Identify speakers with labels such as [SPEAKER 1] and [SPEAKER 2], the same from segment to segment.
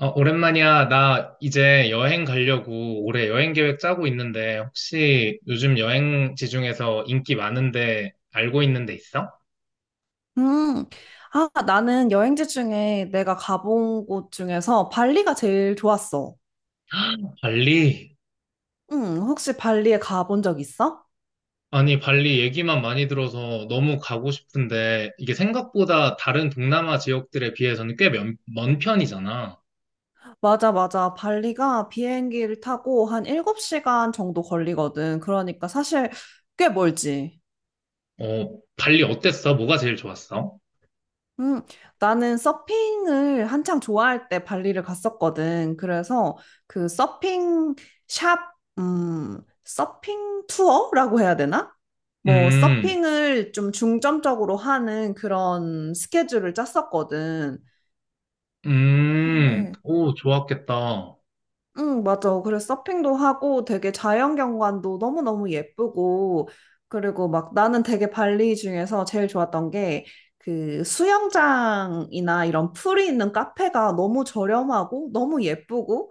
[SPEAKER 1] 오랜만이야. 나 이제 여행 가려고 올해 여행 계획 짜고 있는데 혹시 요즘 여행지 중에서 인기 많은데 알고 있는 데 있어?
[SPEAKER 2] 음, 아, 나는 여행지 중에 내가 가본 곳 중에서 발리가 제일 좋았어.
[SPEAKER 1] 발리?
[SPEAKER 2] 응, 혹시 발리에 가본 적 있어?
[SPEAKER 1] 아니, 발리 얘기만 많이 들어서 너무 가고 싶은데 이게 생각보다 다른 동남아 지역들에 비해서는 꽤 먼 편이잖아.
[SPEAKER 2] 맞아, 맞아. 발리가 비행기를 타고 한 7시간 정도 걸리거든. 그러니까 사실 꽤 멀지.
[SPEAKER 1] 발리 어땠어? 뭐가 제일 좋았어?
[SPEAKER 2] 음, 나는 서핑을 한창 좋아할 때 발리를 갔었거든. 그래서 그 서핑 샵, 서핑 투어라고 해야 되나? 뭐,
[SPEAKER 1] 음,
[SPEAKER 2] 서핑을 좀 중점적으로 하는 그런 스케줄을 짰었거든. 근데
[SPEAKER 1] 오, 좋았겠다.
[SPEAKER 2] 응, 맞아. 그래서 서핑도 하고 되게 자연경관도 너무너무 예쁘고, 그리고 막 나는 되게 발리 중에서 제일 좋았던 게 그 수영장이나 이런 풀이 있는 카페가 너무 저렴하고 너무 예쁘고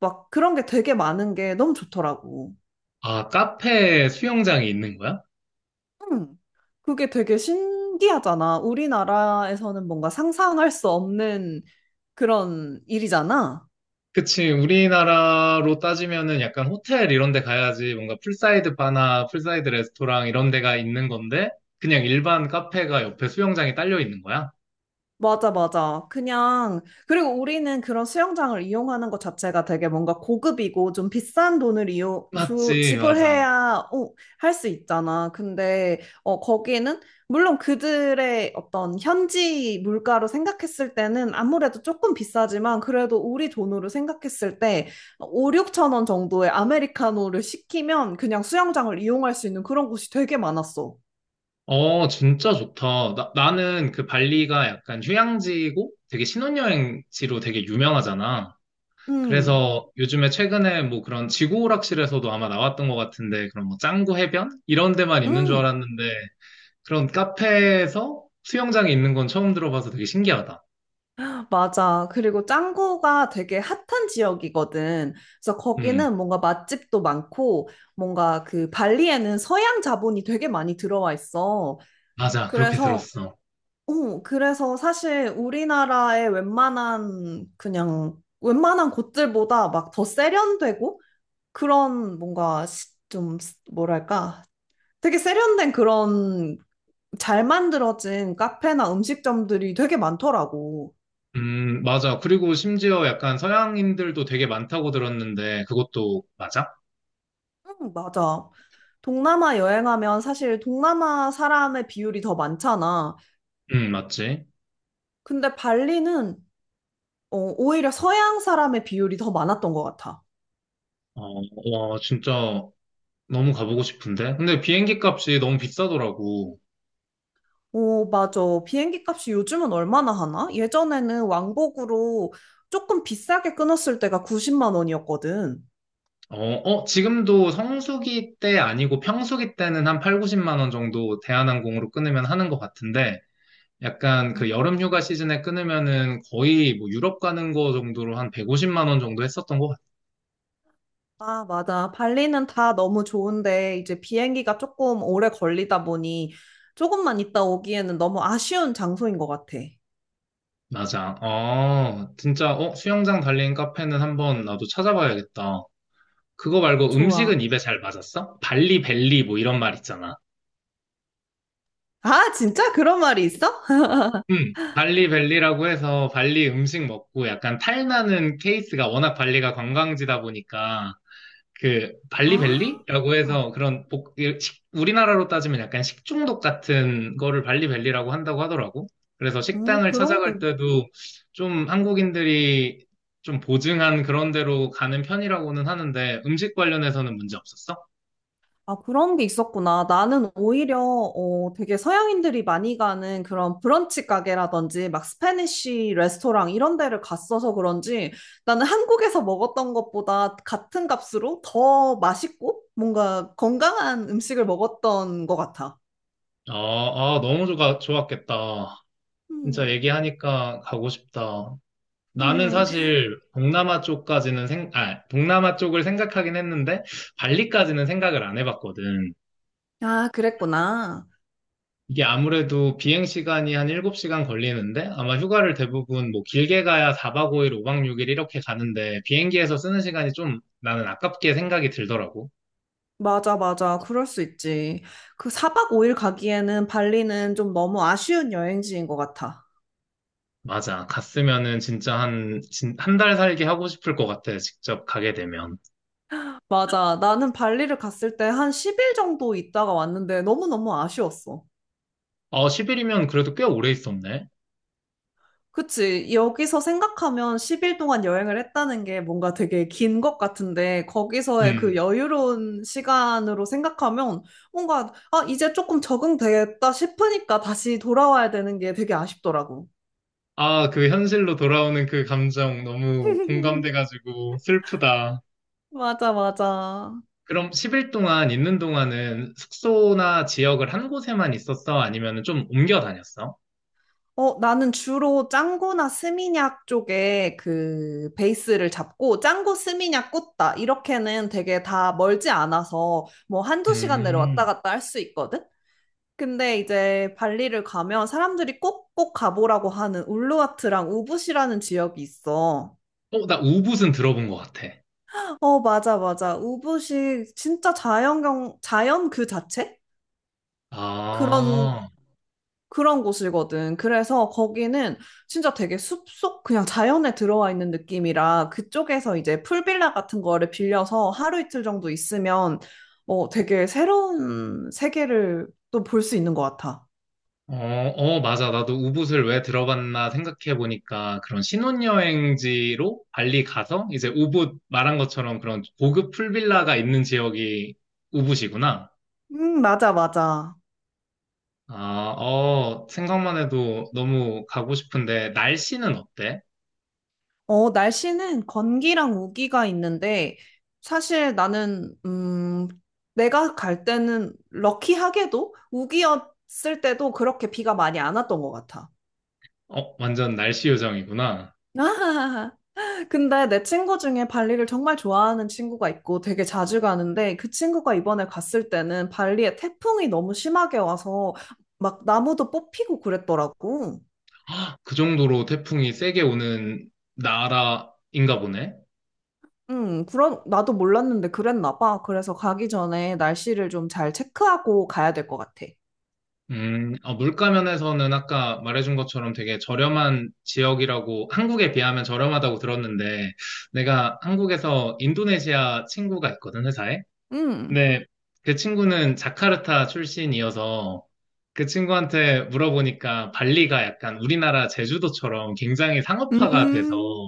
[SPEAKER 2] 막 그런 게 되게 많은 게 너무 좋더라고.
[SPEAKER 1] 아, 카페 수영장이 있는 거야?
[SPEAKER 2] 응. 그게 되게 신기하잖아. 우리나라에서는 뭔가 상상할 수 없는 그런 일이잖아.
[SPEAKER 1] 그치, 우리나라로 따지면은 약간 호텔 이런 데 가야지 뭔가 풀사이드 바나 풀사이드 레스토랑 이런 데가 있는 건데 그냥 일반 카페가 옆에 수영장이 딸려 있는 거야?
[SPEAKER 2] 맞아, 맞아. 그냥, 그리고 우리는 그런 수영장을 이용하는 것 자체가 되게 뭔가 고급이고 좀 비싼 돈을
[SPEAKER 1] 맞지, 맞아.
[SPEAKER 2] 지불해야 할수 있잖아. 근데, 거기는, 물론 그들의 어떤 현지 물가로 생각했을 때는 아무래도 조금 비싸지만 그래도 우리 돈으로 생각했을 때 5, 6천 원 정도의 아메리카노를 시키면 그냥 수영장을 이용할 수 있는 그런 곳이 되게 많았어.
[SPEAKER 1] 어, 진짜 좋다. 나는 그 발리가 약간 휴양지고 되게 신혼여행지로 되게 유명하잖아.
[SPEAKER 2] 음,
[SPEAKER 1] 그래서 요즘에 최근에 뭐 그런 지구 오락실에서도 아마 나왔던 것 같은데 그런 뭐 짱구 해변? 이런 데만 있는 줄
[SPEAKER 2] 음.
[SPEAKER 1] 알았는데 그런 카페에서 수영장이 있는 건 처음 들어봐서 되게 신기하다.
[SPEAKER 2] 맞아. 그리고 짱구가 되게 핫한 지역이거든. 그래서
[SPEAKER 1] 음,
[SPEAKER 2] 거기는 뭔가 맛집도 많고, 뭔가 그 발리에는 서양 자본이 되게 많이 들어와 있어.
[SPEAKER 1] 맞아. 그렇게
[SPEAKER 2] 그래서,
[SPEAKER 1] 들었어.
[SPEAKER 2] 그래서 사실 우리나라의 웬만한, 그냥, 웬만한 곳들보다 막 더 세련되고, 그런 뭔가 좀, 뭐랄까. 되게 세련된 그런 잘 만들어진 카페나 음식점들이 되게 많더라고.
[SPEAKER 1] 맞아. 그리고 심지어 약간 서양인들도 되게 많다고 들었는데 그것도 맞아?
[SPEAKER 2] 응, 맞아. 동남아 여행하면 사실 동남아 사람의 비율이 더 많잖아.
[SPEAKER 1] 맞지.
[SPEAKER 2] 근데 발리는 오히려 서양 사람의 비율이 더 많았던 것 같아.
[SPEAKER 1] 어, 와, 진짜 너무 가보고 싶은데. 근데 비행기 값이 너무 비싸더라고.
[SPEAKER 2] 오, 맞아. 비행기 값이 요즘은 얼마나 하나? 예전에는 왕복으로 조금 비싸게 끊었을 때가 90만 원이었거든.
[SPEAKER 1] 어, 어, 지금도 성수기 때 아니고 평수기 때는 한 8, 90만 원 정도 대한항공으로 끊으면 하는 것 같은데 약간 그
[SPEAKER 2] 음.
[SPEAKER 1] 여름 휴가 시즌에 끊으면은 거의 뭐 유럽 가는 거 정도로 한 150만 원 정도 했었던 것 같아.
[SPEAKER 2] 아, 맞아. 발리는 다 너무 좋은데, 이제 비행기가 조금 오래 걸리다 보니, 조금만 있다 오기에는 너무 아쉬운 장소인 것 같아.
[SPEAKER 1] 맞아. 진짜, 수영장 달린 카페는 한번 나도 찾아봐야겠다. 그거 말고
[SPEAKER 2] 좋아.
[SPEAKER 1] 음식은 입에 잘 맞았어? 발리 벨리 뭐 이런 말 있잖아.
[SPEAKER 2] 아, 진짜? 그런 말이 있어?
[SPEAKER 1] 발리 벨리라고 해서 발리 음식 먹고 약간 탈나는 케이스가 워낙 발리가 관광지다 보니까 그
[SPEAKER 2] 아,
[SPEAKER 1] 발리벨리라고 해서 그런 우리나라로 따지면 약간 식중독 같은 거를 발리벨리라고 한다고 하더라고. 그래서
[SPEAKER 2] 오,
[SPEAKER 1] 식당을
[SPEAKER 2] 그런 게,
[SPEAKER 1] 찾아갈 때도 좀 한국인들이 좀 보증한 그런 데로 가는 편이라고는 하는데 음식 관련해서는 문제 없었어?
[SPEAKER 2] 아, 그런 게 있었구나. 나는 오히려, 되게 서양인들이 많이 가는 그런 브런치 가게라든지, 막 스페니쉬 레스토랑 이런 데를 갔어서 그런지, 나는 한국에서 먹었던 것보다 같은 값으로 더 맛있고, 뭔가 건강한 음식을 먹었던 것 같아.
[SPEAKER 1] 아, 아, 너무 좋아, 좋았겠다. 진짜
[SPEAKER 2] 음,
[SPEAKER 1] 얘기하니까 가고 싶다. 나는
[SPEAKER 2] 음,
[SPEAKER 1] 사실 동남아 쪽까지는 동남아 쪽을 생각하긴 했는데 발리까지는 생각을 안 해봤거든.
[SPEAKER 2] 아, 그랬구나.
[SPEAKER 1] 이게 아무래도 비행 시간이 한 7시간 걸리는데 아마 휴가를 대부분 뭐 길게 가야 4박 5일, 5박 6일 이렇게 가는데 비행기에서 쓰는 시간이 좀 나는 아깝게 생각이 들더라고.
[SPEAKER 2] 맞아, 맞아. 그럴 수 있지. 그 사박 5일 가기에는 발리는 좀 너무 아쉬운 여행지인 것 같아.
[SPEAKER 1] 맞아. 갔으면은 진짜 한 달 살기 하고 싶을 것 같아. 직접 가게 되면.
[SPEAKER 2] 맞아. 나는 발리를 갔을 때 한 10일 정도 있다가 왔는데 너무너무 아쉬웠어.
[SPEAKER 1] 10일이면 그래도 꽤 오래 있었네.
[SPEAKER 2] 그치. 여기서 생각하면 10일 동안 여행을 했다는 게 뭔가 되게 긴 것 같은데 거기서의 그
[SPEAKER 1] 음.
[SPEAKER 2] 여유로운 시간으로 생각하면 뭔가 아, 이제 조금 적응됐다 싶으니까 다시 돌아와야 되는 게 되게 아쉽더라고.
[SPEAKER 1] 아, 그 현실로 돌아오는 그 감정 너무 공감돼가지고 슬프다.
[SPEAKER 2] 맞아, 맞아.
[SPEAKER 1] 그럼 10일 동안 있는 동안은 숙소나 지역을 한 곳에만 있었어? 아니면 좀 옮겨 다녔어?
[SPEAKER 2] 나는 주로 짱구나 스미냑 쪽에 그 베이스를 잡고 짱구 스미냑 꽂다 이렇게는 되게 다 멀지 않아서 뭐 한두 시간 내로 왔다
[SPEAKER 1] 음,
[SPEAKER 2] 갔다 할 수 있거든? 근데 이제 발리를 가면 사람들이 꼭꼭 가보라고 하는 울루와트랑 우붓이라는 지역이 있어.
[SPEAKER 1] 나 우붓은 들어본 것 같아.
[SPEAKER 2] 어, 맞아, 맞아. 우붓이 진짜 자연 그 자체? 그런
[SPEAKER 1] 아,
[SPEAKER 2] 그런 곳이거든. 그래서 거기는 진짜 되게 숲속 그냥 자연에 들어와 있는 느낌이라 그쪽에서 이제 풀빌라 같은 거를 빌려서 하루 이틀 정도 있으면 되게 새로운 세계를 또 볼 수 있는 것 같아.
[SPEAKER 1] 어, 어, 맞아. 나도 우붓을 왜 들어봤나 생각해보니까 그런 신혼여행지로 발리 가서 이제 우붓 말한 것처럼 그런 고급 풀빌라가 있는 지역이 우붓이구나.
[SPEAKER 2] 맞아, 맞아.
[SPEAKER 1] 아, 생각만 해도 너무 가고 싶은데 날씨는 어때?
[SPEAKER 2] 날씨는 건기랑 우기가 있는데 사실 나는 내가 갈 때는 럭키하게도 우기였을 때도 그렇게 비가 많이 안 왔던 것 같아.
[SPEAKER 1] 완전 날씨 요정이구나.
[SPEAKER 2] 근데 내 친구 중에 발리를 정말 좋아하는 친구가 있고 되게 자주 가는데 그 친구가 이번에 갔을 때는 발리에 태풍이 너무 심하게 와서 막 나무도 뽑히고 그랬더라고.
[SPEAKER 1] 그 정도로 태풍이 세게 오는 나라인가 보네.
[SPEAKER 2] 그런, 나도 몰랐는데 그랬나 봐. 그래서 가기 전에 날씨를 좀 잘 체크하고 가야 될 것 같아.
[SPEAKER 1] 물가면에서는 아까 말해준 것처럼 되게 저렴한 지역이라고 한국에 비하면 저렴하다고 들었는데 내가 한국에서 인도네시아 친구가 있거든, 회사에.
[SPEAKER 2] 음.
[SPEAKER 1] 근데 그 친구는 자카르타 출신이어서 그 친구한테 물어보니까 발리가 약간 우리나라 제주도처럼 굉장히 상업화가 돼서
[SPEAKER 2] 음,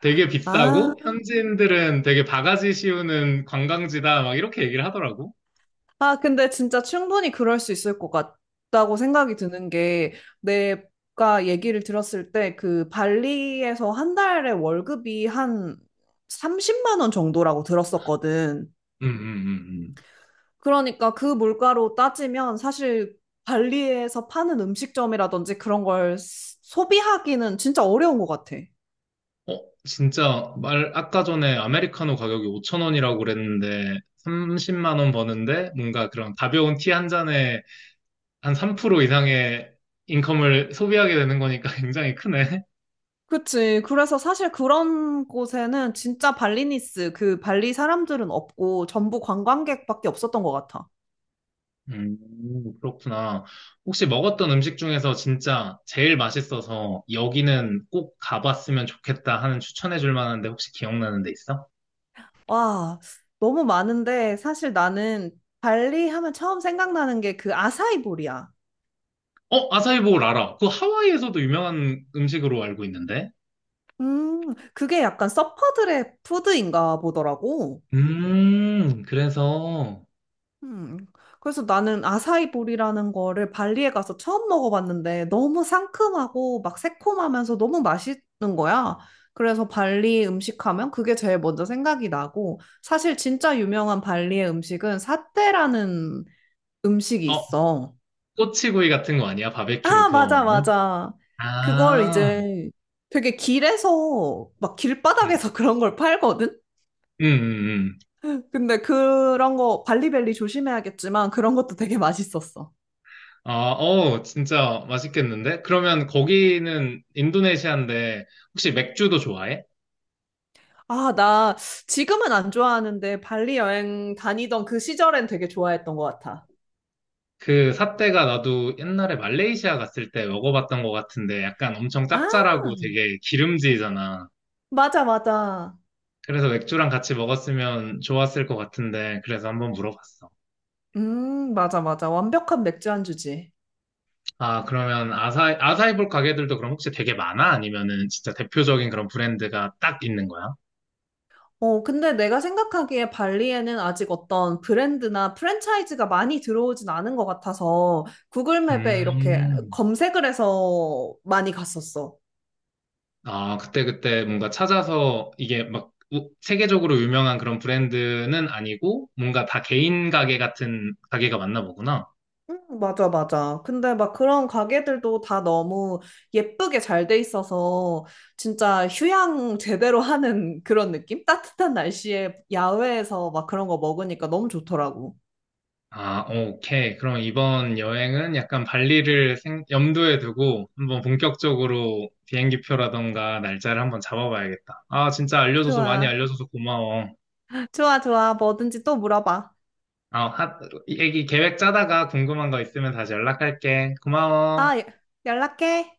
[SPEAKER 1] 되게
[SPEAKER 2] 아.
[SPEAKER 1] 비싸고 현지인들은 되게 바가지 씌우는 관광지다 막 이렇게 얘기를 하더라고.
[SPEAKER 2] 아, 근데 진짜 충분히 그럴 수 있을 것 같다고 생각이 드는 게, 내가 얘기를 들었을 때, 그 발리에서 한 달에 월급이 한 30만 원 정도라고 들었었거든.
[SPEAKER 1] 음, 음, 음,
[SPEAKER 2] 그러니까 그 물가로 따지면 사실 발리에서 파는 음식점이라든지 그런 걸 소비하기는 진짜 어려운 것 같아.
[SPEAKER 1] 진짜 말 아까 전에 아메리카노 가격이 5천 원이라고 그랬는데 30만 원 버는데 뭔가 그런 가벼운 티 한 잔에 한 3% 이상의 인컴을 소비하게 되는 거니까 굉장히 크네.
[SPEAKER 2] 그치. 그래서 사실 그런 곳에는 진짜 그 발리 사람들은 없고 전부 관광객밖에 없었던 것 같아.
[SPEAKER 1] 음, 그렇구나. 혹시 먹었던 음식 중에서 진짜 제일 맛있어서 여기는 꼭 가봤으면 좋겠다 하는 추천해 줄 만한데 혹시 기억나는 데 있어?
[SPEAKER 2] 와, 너무 많은데 사실 나는 발리 하면 처음 생각나는 게 그 아사이볼이야.
[SPEAKER 1] 아사이볼 알아. 그 하와이에서도 유명한 음식으로 알고 있는데.
[SPEAKER 2] 그게 약간 서퍼들의 푸드인가 보더라고.
[SPEAKER 1] 그래서,
[SPEAKER 2] 음, 그래서 나는 아사이볼이라는 거를 발리에 가서 처음 먹어봤는데 너무 상큼하고 막 새콤하면서 너무 맛있는 거야. 그래서 발리 음식하면 그게 제일 먼저 생각이 나고 사실 진짜 유명한 발리의 음식은 사테라는 음식이
[SPEAKER 1] 어,
[SPEAKER 2] 있어.
[SPEAKER 1] 꼬치구이 같은 거 아니야? 바베큐로
[SPEAKER 2] 아,
[SPEAKER 1] 구워
[SPEAKER 2] 맞아,
[SPEAKER 1] 먹는?
[SPEAKER 2] 맞아. 그걸
[SPEAKER 1] 아,
[SPEAKER 2] 이제 되게 길에서, 막
[SPEAKER 1] 음,
[SPEAKER 2] 길바닥에서 그런 걸 팔거든?
[SPEAKER 1] 음.
[SPEAKER 2] 근데 그런 거, 발리벨리 조심해야겠지만 그런 것도 되게 맛있었어.
[SPEAKER 1] 아, 진짜 맛있겠는데? 그러면 거기는 인도네시아인데, 혹시 맥주도 좋아해?
[SPEAKER 2] 아, 나 지금은 안 좋아하는데 발리 여행 다니던 그 시절엔 되게 좋아했던 것 같아.
[SPEAKER 1] 그 삿대가 나도 옛날에 말레이시아 갔을 때 먹어봤던 것 같은데, 약간 엄청
[SPEAKER 2] 아,
[SPEAKER 1] 짭짤하고 되게 기름지잖아.
[SPEAKER 2] 맞아, 맞아.
[SPEAKER 1] 그래서 맥주랑 같이 먹었으면 좋았을 것 같은데, 그래서 한번 물어봤어.
[SPEAKER 2] 맞아, 맞아. 완벽한 맥주 안주지.
[SPEAKER 1] 아, 그러면 아사이볼 가게들도 그럼 혹시 되게 많아? 아니면은 진짜 대표적인 그런 브랜드가 딱 있는 거야?
[SPEAKER 2] 근데 내가 생각하기에 발리에는 아직 어떤 브랜드나 프랜차이즈가 많이 들어오진 않은 것 같아서 구글 맵에 이렇게
[SPEAKER 1] 음.
[SPEAKER 2] 검색을 해서 많이 갔었어.
[SPEAKER 1] 아, 그때그때 뭔가 찾아서 이게 막 세계적으로 유명한 그런 브랜드는 아니고 뭔가 다 개인 가게 같은 가게가 맞나 보구나.
[SPEAKER 2] 응, 맞아, 맞아. 근데 막 그런 가게들도 다 너무 예쁘게 잘 돼 있어서 진짜 휴양 제대로 하는 그런 느낌? 따뜻한 날씨에 야외에서 막 그런 거 먹으니까 너무 좋더라고.
[SPEAKER 1] 아, 오케이. 그럼 이번 여행은 약간 발리를 염두에 두고 한번 본격적으로 비행기표라던가 날짜를 한번 잡아봐야겠다. 아, 진짜 알려줘서 많이
[SPEAKER 2] 좋아.
[SPEAKER 1] 알려줘서 고마워.
[SPEAKER 2] 좋아, 좋아. 뭐든지 또 물어봐.
[SPEAKER 1] 어, 하, 얘기 계획 짜다가 궁금한 거 있으면 다시 연락할게.
[SPEAKER 2] 아,
[SPEAKER 1] 고마워.
[SPEAKER 2] 예. 연락해.